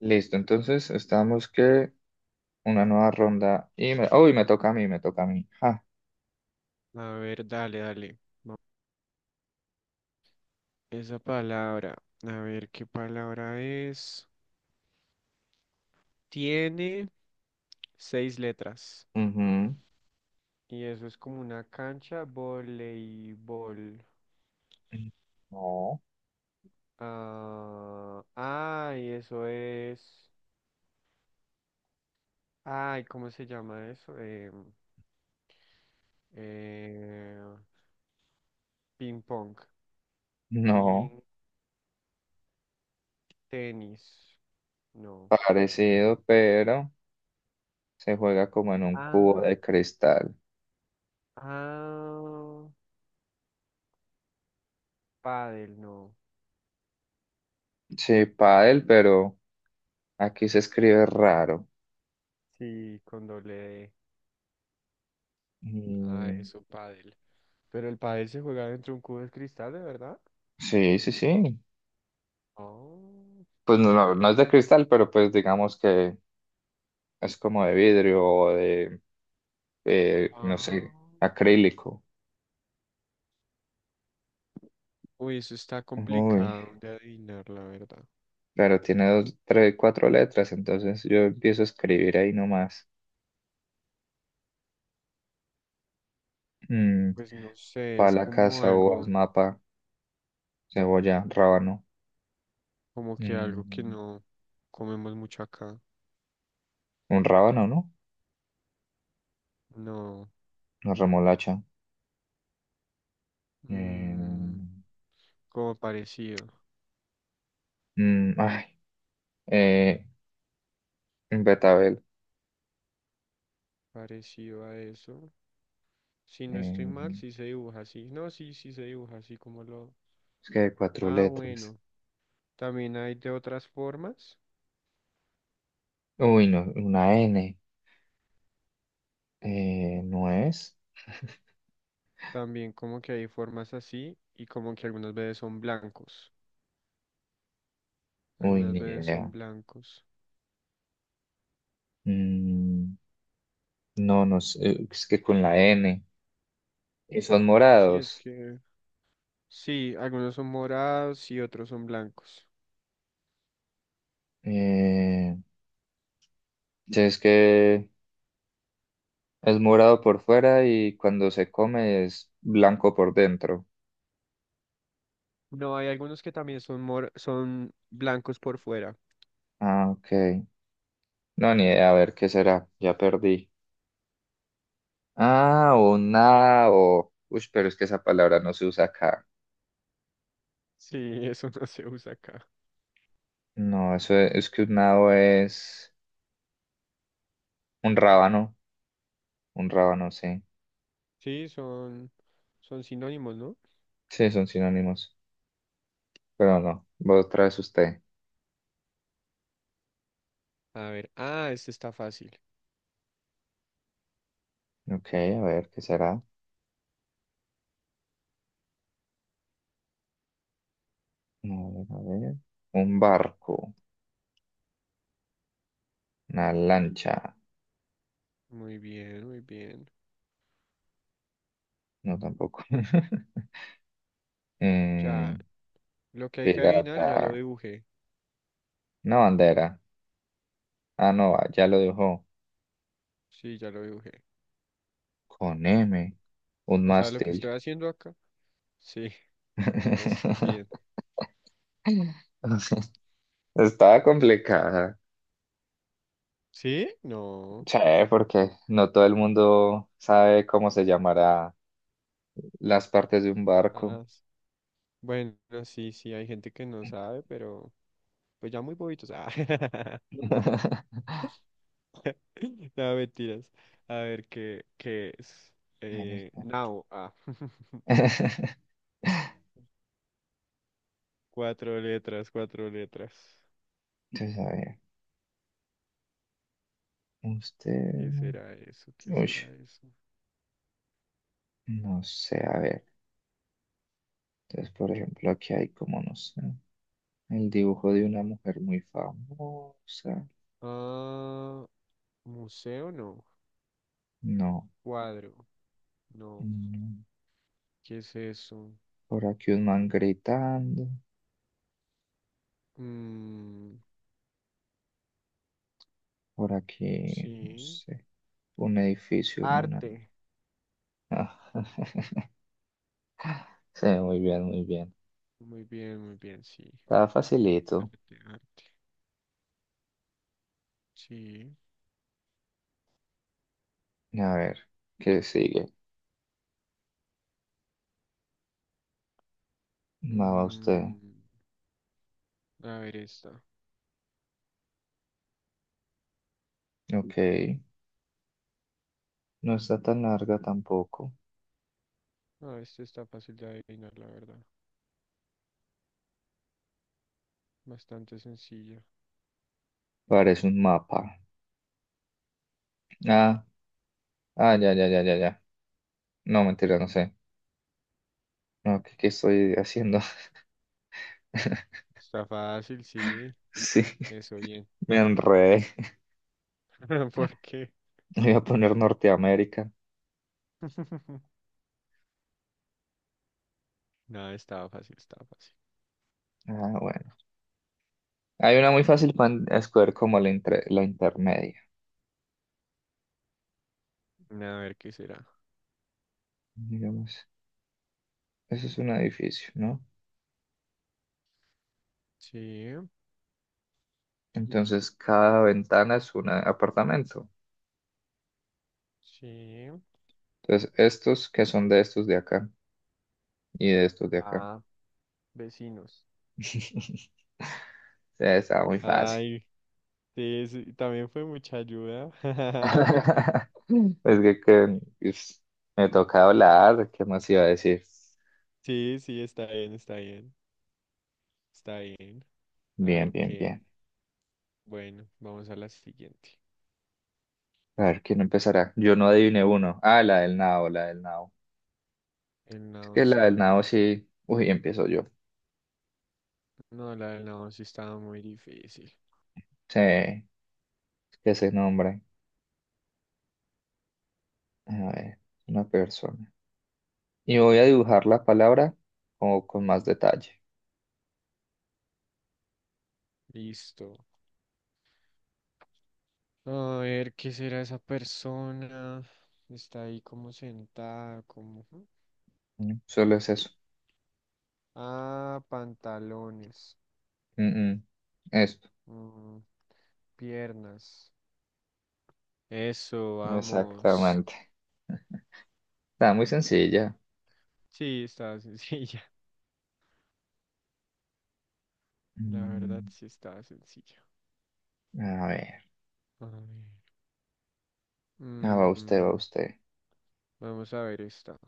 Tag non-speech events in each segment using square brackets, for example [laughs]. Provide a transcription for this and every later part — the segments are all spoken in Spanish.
Listo, entonces estamos que una nueva ronda y me, uy, me toca a mí, me toca a mí. Ja. A ver, dale, dale. Esa palabra. A ver, ¿qué palabra es? Tiene seis letras. Ujú. Y eso es como una cancha voleibol. No, Ah, ay, eso es. Ay, ¿cómo se llama eso? Eh, ping pong. no, Ping tenis. No. parecido, pero se juega como en un Ah, cubo de cristal. ah, pádel, no. Sí, pádel, pero aquí se escribe raro. Sí, con doble D. Ah, Mm, eso, pádel. Pero el pádel se juega dentro de un cubo de cristal, ¿de verdad? sí, sí, sí. Oh, Pues no no, sabía. no es de cristal, pero pues digamos que es como de vidrio o de, no Ah. sé, acrílico. Uy, eso está Uy. complicado de adivinar, la verdad. Claro, tiene dos, tres, cuatro letras, entonces yo empiezo a escribir ahí nomás. Mm, Pues no sé, es pala, como casa, uvas, algo, mapa, cebolla, rábano. como que algo que Mm, no comemos mucho acá. un rábano, ¿no? No, Una remolacha. Eh, mm, como parecido, mm, ay, eh, un betabel. parecido a eso. Si no estoy mal, Eh, sí se dibuja así. No, sí, sí se dibuja así como lo... es que hay cuatro Ah, letras. bueno, también hay de otras formas. Uy, no, una N. ¿No es? [laughs] También como que hay formas así y como que algunas veces son blancos. Uy, Algunas ni veces son idea. blancos. Mm, no, no sé, es que con la N. Y son Sí, es morados. que... Sí, algunos son morados y otros son blancos. Eh, Sí, es que es morado por fuera y cuando se come es blanco por dentro. No, hay algunos que también son mor son blancos por fuera. Ah, ok. No, ni idea. A ver, ¿qué será? Ya perdí. Ah, un nao. Uy, pero es que esa palabra no se usa acá. Sí, eso [laughs] no se usa acá. No, eso es que un nao es un rábano. Un rábano, sí. Sí, son sinónimos, ¿no? Sí, son sinónimos. Pero no, vos traes usted. A ver, ah, este está fácil. Ok, a ver, ¿qué será? A ver, a ver. Un barco. Una lancha. Muy bien, muy bien. No, tampoco. [laughs] Ya, Eh, lo que hay que adivinar ya lo pirata. dibujé. Una bandera. Ah, no, ah, ya lo dejó. Sí, ya lo dibujé. Con M. Un O sea, lo que estoy mástil. haciendo acá. Sí, [laughs] eso, bien. [laughs] Estaba complicada. ¿Sí? No. Sí, porque no todo el mundo sabe cómo se llamará las partes de un barco. Ah, s- bueno, sí, sí, hay gente que no sabe, pero pues ya muy bobitos. Ah, [laughs] [laughs] no, mentiras. A ver, ¿qué es? Entonces, Now. Ah, [laughs] cuatro letras, cuatro letras. a ver, ¿Qué usted, será eso? ¿Qué uy, será eso? no sé, a ver, entonces, por ejemplo, aquí hay como, no sé, el dibujo de una mujer muy famosa, Ah, museo no. no, Cuadro. No. no. ¿Qué es eso? Por aquí un man gritando, Mm, por aquí, no sí. sé, un edificio en una... Arte. Ah, [laughs] sí, muy bien, muy bien. Muy bien, sí. Está facilito. Arte, arte. Sí. A ver, ¿qué sigue? Mapa usted. Mm, a ver esta. Ok, no está tan larga tampoco. Ah, esta está fácil de adivinar, la verdad. Bastante sencilla. Parece un mapa. Ah, ah, ya, ya, ya, ya, ya. No, mentira, no sé. No, ¿qué, qué estoy haciendo? [laughs] Está fácil, sí. Sí, Eso bien. me enredé. [laughs] ¿Por qué? Voy a poner Norteamérica. [laughs] No, estaba fácil, estaba fácil. Ah, bueno. Hay una muy fácil para escoger como la, la intermedia. A ver qué será. Digamos, eso es un edificio, ¿no? Sí, Entonces, cada ventana es un apartamento. sí. Entonces, estos que son de estos de acá y de estos de acá. Ah, vecinos. [laughs] Sí, está muy fácil. Ay, sí, sí, también fue mucha ayuda. [laughs] [laughs] Es que, que, ups, me toca hablar, ¿qué más iba a decir? Sí, sí, está bien, está bien, está bien. A Bien, ver bien, qué. bien. Bueno, vamos a la siguiente. A ver, ¿quién empezará? Yo no adiviné uno. Ah, la del nao, la del nao. El Es que nado la del sí. nao sí. Uy, empiezo yo. No, la del no, sí estaba muy difícil. Sí, que se nombre. A ver, una persona. Y voy a dibujar la palabra como con más detalle. Listo. A ver, ¿qué será esa persona? Está ahí como sentada, como... ¿hmm? Mm, solo es eso. Ah, pantalones. Mm, mm. Esto. Mm, piernas. Eso, vamos. Exactamente. Está muy sencilla. Sí, estaba sencilla. [laughs] La verdad, Mm, sí estaba sencilla. a ver. A ver. Ah, va usted, va Mm, usted. vamos a ver esta.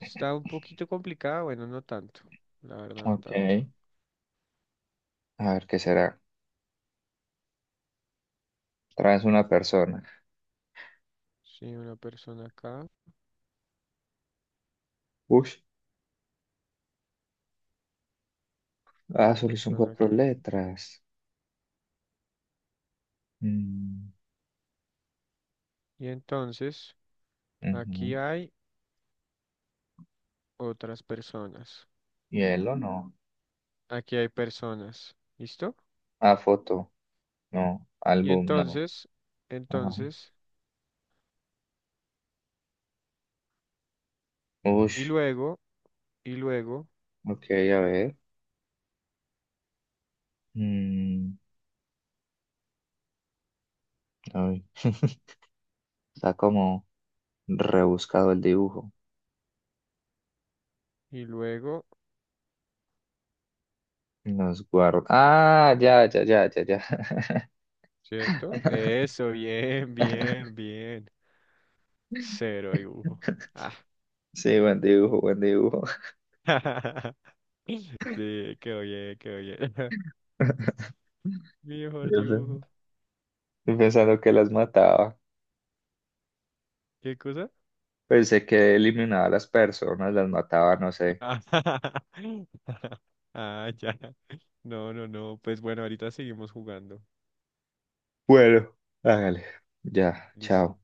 Está un poquito complicada, bueno, no tanto. La verdad, no Ok. tanto. A ver, ¿qué será? Traes una persona. Sí, una persona acá, Ush. Ah, una solo son persona cuatro aquí. letras. Mm, Y entonces, ujú. aquí hay otras personas. Hielo, no. Aquí hay personas. ¿Listo? Ah, foto. No. Y Álbum, no. entonces, Ajá. entonces, y Ush. luego, y luego, Ok, a ver. Mm, ay. [laughs] Está como rebuscado el dibujo. y luego, Nos guarda. Ah, ya, ya, ya, ya, ya. ¿Cierto? Eso, bien, [laughs] bien, bien. Cero dibujo. Ah. Sí, buen dibujo, buen dibujo. [laughs] Sí, quedó bien, quedó bien. [laughs] [laughs] Mejor Yo pe- dibujo. yo pensando que las mataba. ¿Qué cosa? Pensé que eliminaba a las personas, las mataba, no sé. Ah, [laughs] ah, ya. No, no, no. Pues bueno, ahorita seguimos jugando. Bueno, hágale. Ya, Listo. chao.